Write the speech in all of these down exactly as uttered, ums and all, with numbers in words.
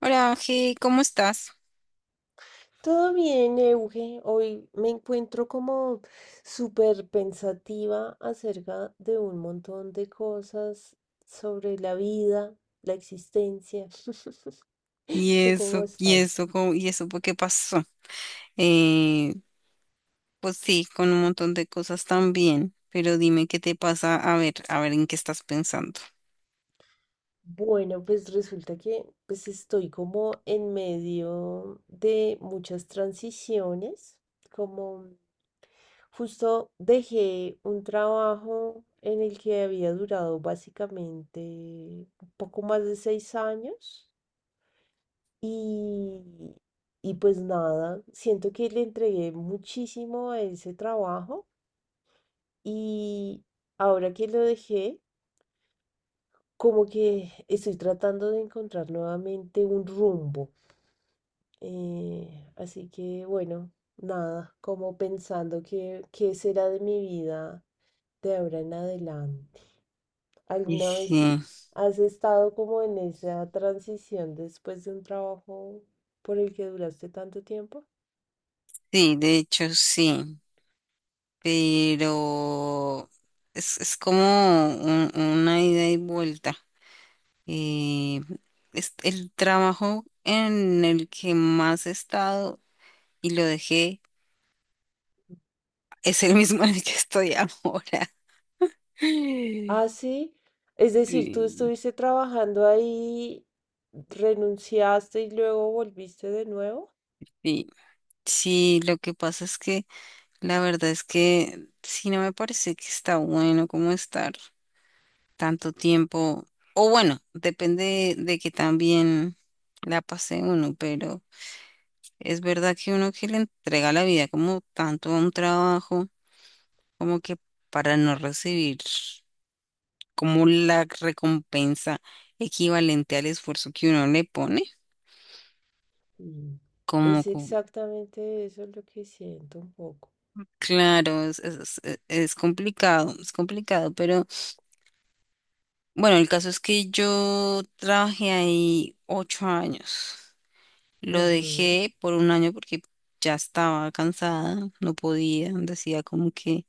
Hola, Ángel, ¿cómo estás? Todo bien, Euge. Hoy me encuentro como súper pensativa acerca de un montón de cosas sobre la vida, la existencia. Y ¿Tú cómo eso, y estás? eso, ¿cómo- y eso, ¿por qué pasó? Eh, pues sí, con un montón de cosas también, pero dime qué te pasa, a ver, a ver en qué estás pensando. Bueno, pues resulta que pues estoy como en medio de muchas transiciones, como justo dejé un trabajo en el que había durado básicamente un poco más de seis años y, y pues nada, siento que le entregué muchísimo a ese trabajo y ahora que lo dejé, como que estoy tratando de encontrar nuevamente un rumbo. Eh, así que bueno, nada, como pensando que qué será de mi vida de ahora en adelante. Y ¿Alguna vez sí, has estado como en esa transición después de un trabajo por el que duraste tanto tiempo? sí, de hecho sí. Pero es, es como un- una ida y vuelta. Eh, es el trabajo en el que más he estado y lo dejé, es el mismo en el que estoy ahora. Ah, sí. Es decir, tú Sí, estuviste trabajando ahí, renunciaste y luego volviste de nuevo. sí. Sí, lo que pasa es que la verdad es que sí, no me parece que está bueno como estar tanto tiempo. O bueno, depende de que también la pase uno, pero es verdad que uno que le entrega la vida como tanto a un trabajo, como que para no recibir como la recompensa equivalente al esfuerzo que uno le pone, Mm. como, Es co- exactamente eso lo que siento un poco. claro, es, es- es- es complicado, es complicado, pero bueno, el caso es que yo trabajé ahí ocho años. Lo Ujú, dejé por un año porque ya estaba cansada, no podía, decía como que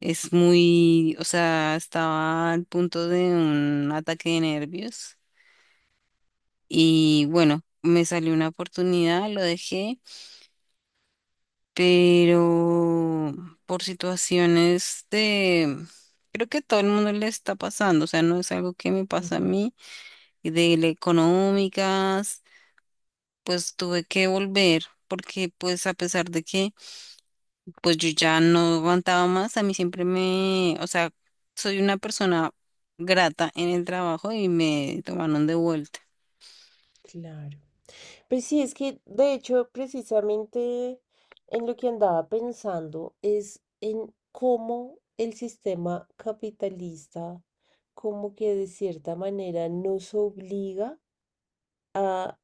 es muy, o sea, estaba al punto de un ataque de nervios. Y bueno, me salió una oportunidad, lo dejé, pero por situaciones de, creo que todo el mundo le está pasando, o sea, no es algo que me pasa a ujú, mí, y de la económicas, pues tuve que volver, porque pues a pesar de que pues yo ya no aguantaba más, a mí siempre me, o sea, soy una persona grata en el trabajo y me tomaron de vuelta. claro. Pues sí, es que de hecho precisamente en lo que andaba pensando es en cómo el sistema capitalista como que de cierta manera nos obliga a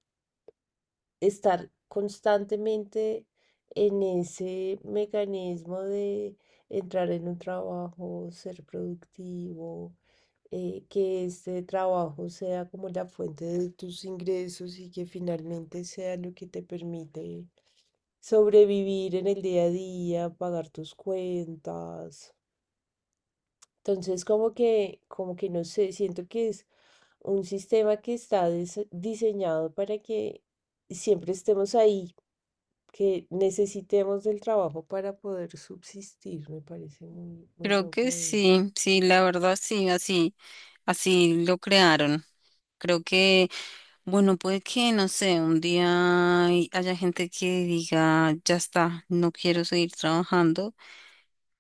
estar constantemente en ese mecanismo de entrar en un trabajo, ser productivo, eh, que este trabajo sea como la fuente de tus ingresos y que finalmente sea lo que te permite sobrevivir en el día a día, pagar tus cuentas. Entonces, como que, como que no sé, siento que es un sistema que está dise- diseñado para que siempre estemos ahí que necesitemos del trabajo para poder subsistir. Me parece muy, muy Creo que loco eso. sí, sí, la verdad sí, así, así lo crearon. Creo que, bueno, puede que, no sé, un día hay- haya gente que diga, ya está, no quiero seguir trabajando,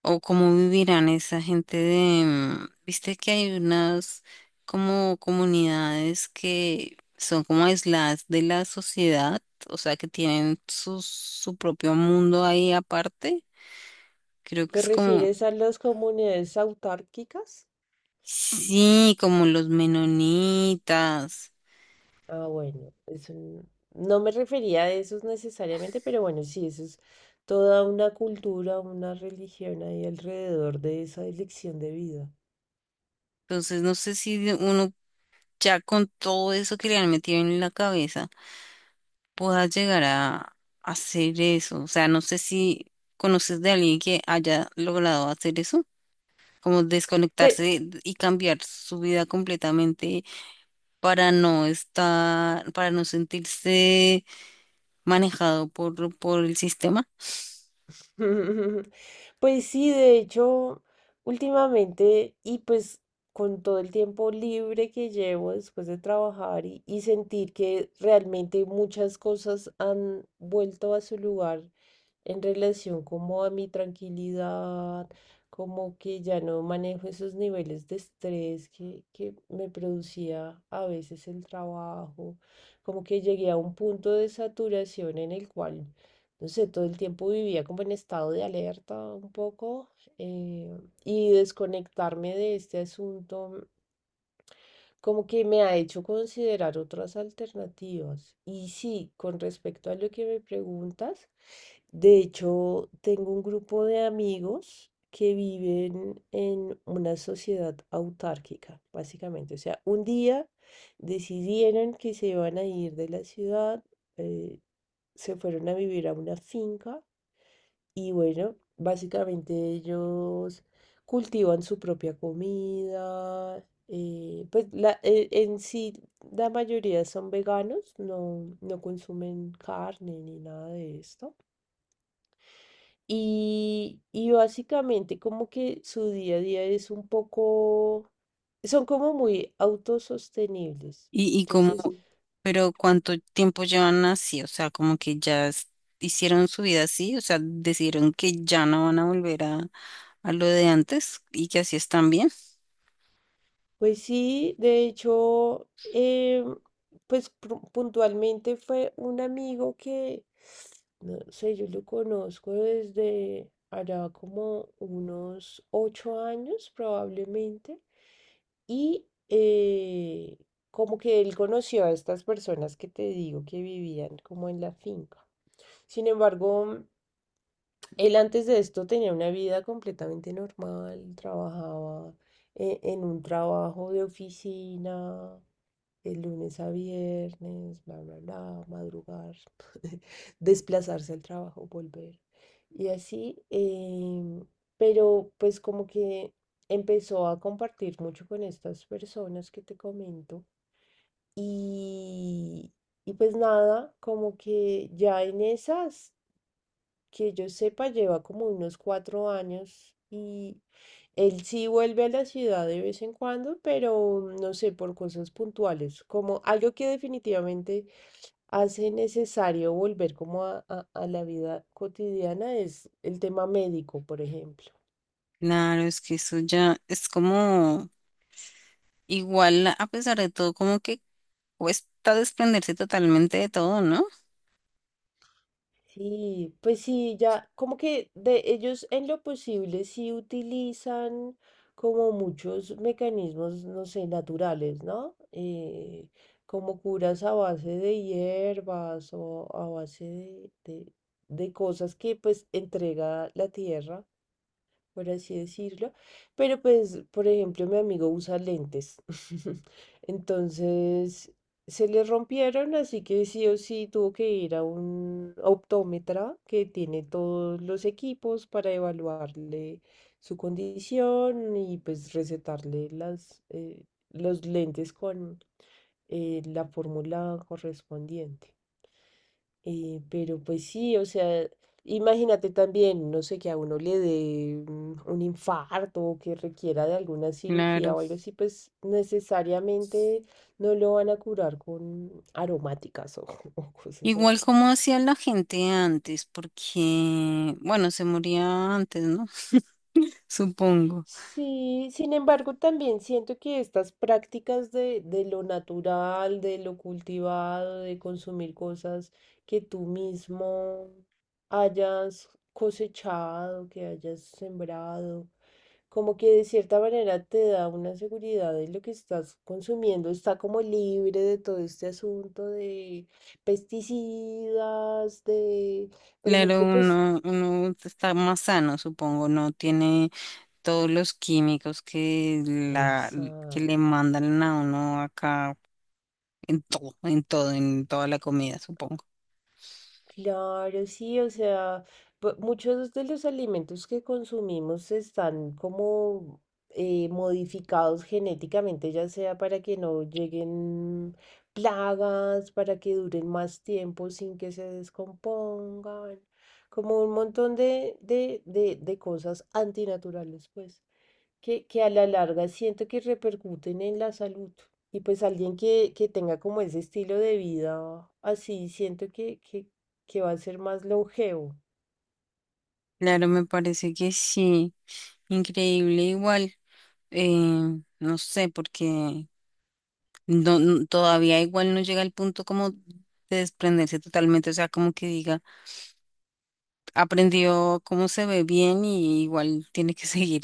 o cómo vivirán esa gente de, mm, viste que hay unas como comunidades que son como aisladas de la sociedad, o sea, que tienen su, su propio mundo ahí aparte. Creo que ¿Te es como, refieres a las comunidades autárquicas? sí, como los menonitas. Ah, bueno, eso n- no me refería a esos necesariamente, pero bueno, sí, eso es toda una cultura, una religión ahí alrededor de esa elección de vida. Entonces, no sé si de- uno ya con todo eso que le han metido en la cabeza pueda llegar a hacer eso. O sea, no sé si conoces de alguien que haya logrado hacer eso, como Pe- desconectarse y cambiar su vida completamente para no estar, para no sentirse manejado por, por el sistema. Pues sí, de hecho, últimamente y pues con todo el tiempo libre que llevo después de trabajar y, y sentir que realmente muchas cosas han vuelto a su lugar en relación como a mi tranquilidad, como que ya no manejo esos niveles de estrés que, que me producía a veces el trabajo, como que llegué a un punto de saturación en el cual, no sé, todo el tiempo vivía como en estado de alerta un poco eh, y desconectarme de este asunto como que me ha hecho considerar otras alternativas. Y sí, con respecto a lo que me preguntas, de hecho, tengo un grupo de amigos que viven en una sociedad autárquica, básicamente. O sea, un día decidieron que se iban a ir de la ciudad, eh, se fueron a vivir a una finca y bueno, básicamente ellos cultivan su propia comida. Eh, pues la, e- en sí, la mayoría son veganos, no, no consumen carne ni nada de esto. Y, y básicamente como que su día a día es un poco, son como muy autosostenibles. y, y como, Entonces, pero ¿cuánto tiempo llevan así? O sea, como que ya es- hicieron su vida así, o sea, decidieron que ya no van a volver a, a lo de antes y que así están bien. pues sí, de hecho, eh, pues pru- puntualmente fue un amigo que, no sé, yo lo conozco desde allá como unos ocho años probablemente, y eh, como que él conoció a estas personas que te digo que vivían como en la finca. Sin embargo, él antes de esto tenía una vida completamente normal, trabajaba eh, en un trabajo de oficina de lunes a viernes, bla, bla, bla, madrugar, desplazarse al trabajo, volver. Y así, em, pero pues como que empezó a compartir mucho con estas personas que te comento. Y, y pues nada, como que ya en esas que yo sepa, lleva como unos cuatro años y él sí vuelve a la ciudad de vez en cuando, pero no sé, por cosas puntuales, como algo que definitivamente hace necesario volver como a, a- a la vida cotidiana es el tema médico, por ejemplo. Claro, es que eso ya es como igual, a pesar de todo, como que cuesta desprenderse totalmente de todo, ¿no? Sí, pues sí, ya como que de ellos en lo posible sí utilizan como muchos mecanismos, no sé, naturales, ¿no? Eh, como curas a base de hierbas o a base de, de de cosas que pues entrega la tierra por así decirlo. Pero pues, por ejemplo, mi amigo usa lentes. Entonces, se le rompieron, así que sí o sí tuvo que ir a un optómetra que tiene todos los equipos para evaluarle su condición y pues recetarle las, eh, los lentes con eh, la fórmula correspondiente. Eh, pero pues sí, o sea, imagínate también, no sé, que a uno le dé un un infarto o que requiera de alguna cirugía Claro. o algo así, pues necesariamente no lo van a curar con aromáticas o, o cosas Igual así. como hacía la gente antes, porque, bueno, se moría antes, ¿no? Supongo. Sí, sin embargo, también siento que estas prácticas de, de lo natural, de lo cultivado, de consumir cosas que tú mismo hayas cosechado, que hayas sembrado, como que de cierta manera te da una seguridad de lo que estás consumiendo, está como libre de todo este asunto de pesticidas, de, por Claro, ejemplo, pues... uno, uno está más sano, supongo, no tiene todos los químicos que la, que Exacto. le mandan a uno acá en todo, en todo, en toda la comida, supongo. Claro, sí, o sea, bu- muchos de los alimentos que consumimos están como eh, modificados genéticamente, ya sea para que no lleguen plagas, para que duren más tiempo sin que se descompongan, como un montón de, de, de, de cosas antinaturales, pues que, que a la larga siento que repercuten en la salud. Y pues alguien que, que tenga como ese estilo de vida así, siento que, que, que va a ser más longevo. Claro, me parece que sí. Increíble, igual. eh, no sé, porque no, no- todavía igual no llega al punto como de desprenderse totalmente, o sea, como que diga, aprendió cómo se ve bien y igual tiene que seguir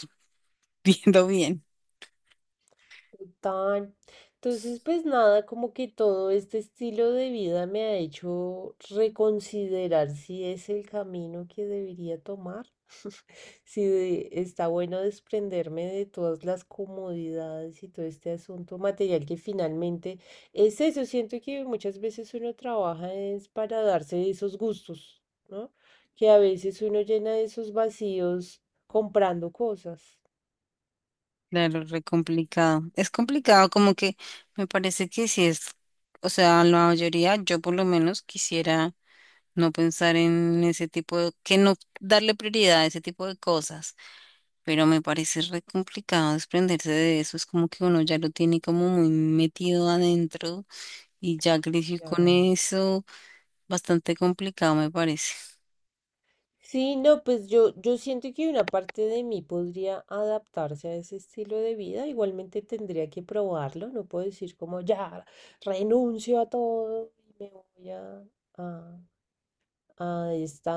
viendo bien. Total. Entonces, pues nada, como que todo este estilo de vida me ha hecho reconsiderar si es el camino que debería tomar. Sí, de- está bueno desprenderme de todas las comodidades y todo este asunto material que finalmente es eso. Siento que muchas veces uno trabaja es para darse esos gustos, ¿no? Que a veces uno llena esos vacíos comprando cosas. Claro, re complicado. Es complicado, como que me parece que si es, o sea, la mayoría, yo por lo menos quisiera no pensar en ese tipo de, que no darle prioridad a ese tipo de cosas, pero me parece re complicado desprenderse de eso. Es como que uno ya lo tiene como muy metido adentro y ya creció con Claro. eso, bastante complicado me parece. Sí, no, pues yo, yo siento que una parte de mí podría adaptarse a ese estilo de vida. Igualmente tendría que probarlo. No puedo decir como ya renuncio a todo y me voy a, a, a esta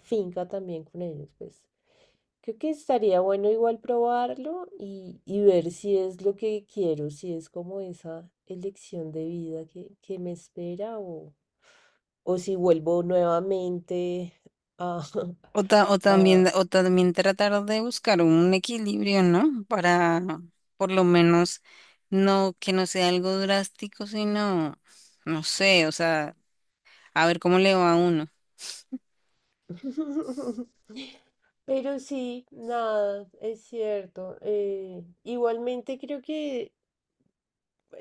finca también con ellos. Pues creo que estaría bueno igual probarlo y, y ver si es lo que quiero, si es como esa elección de vida que, que me espera o si vuelvo nuevamente a, O, ta- o también, a- O también tratar de buscar un equilibrio, ¿no? Para por lo menos no que no sea algo drástico, sino, no sé, o sea, a ver cómo le va a uno. Pero sí, nada, es cierto. Eh, igualmente creo que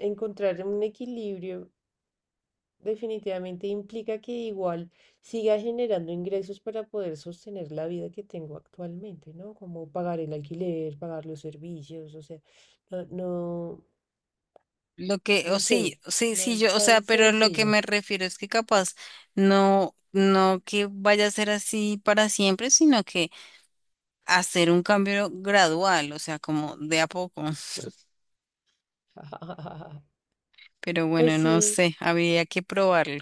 encontrar un equilibrio definitivamente implica que igual siga generando ingresos para poder sostener la vida que tengo actualmente, ¿no? Como pagar el alquiler, pagar los servicios, o sea, no, no, Lo que, o no sé, Sí, sí, no sí, es yo, o sea, tan pero lo que sencillo. me refiero es que capaz no, no que vaya a ser así para siempre, sino que hacer un cambio gradual, o sea, como de a poco. Pero Pues bueno, no sí. sé, habría que probarlo.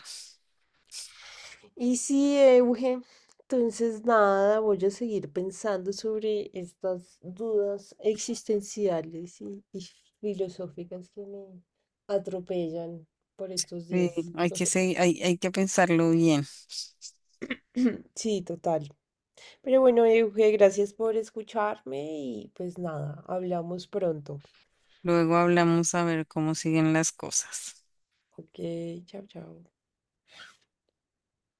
Y sí, Euge, entonces nada, voy a seguir pensando sobre estas dudas existenciales y, y filosóficas que me atropellan por estos Sí, días. hay que, se- hay, hay que pensarlo bien. Sí, total. Pero bueno, Euge, gracias por escucharme y pues nada, hablamos pronto. Luego hablamos a ver cómo siguen las cosas. Ok, chao, chao.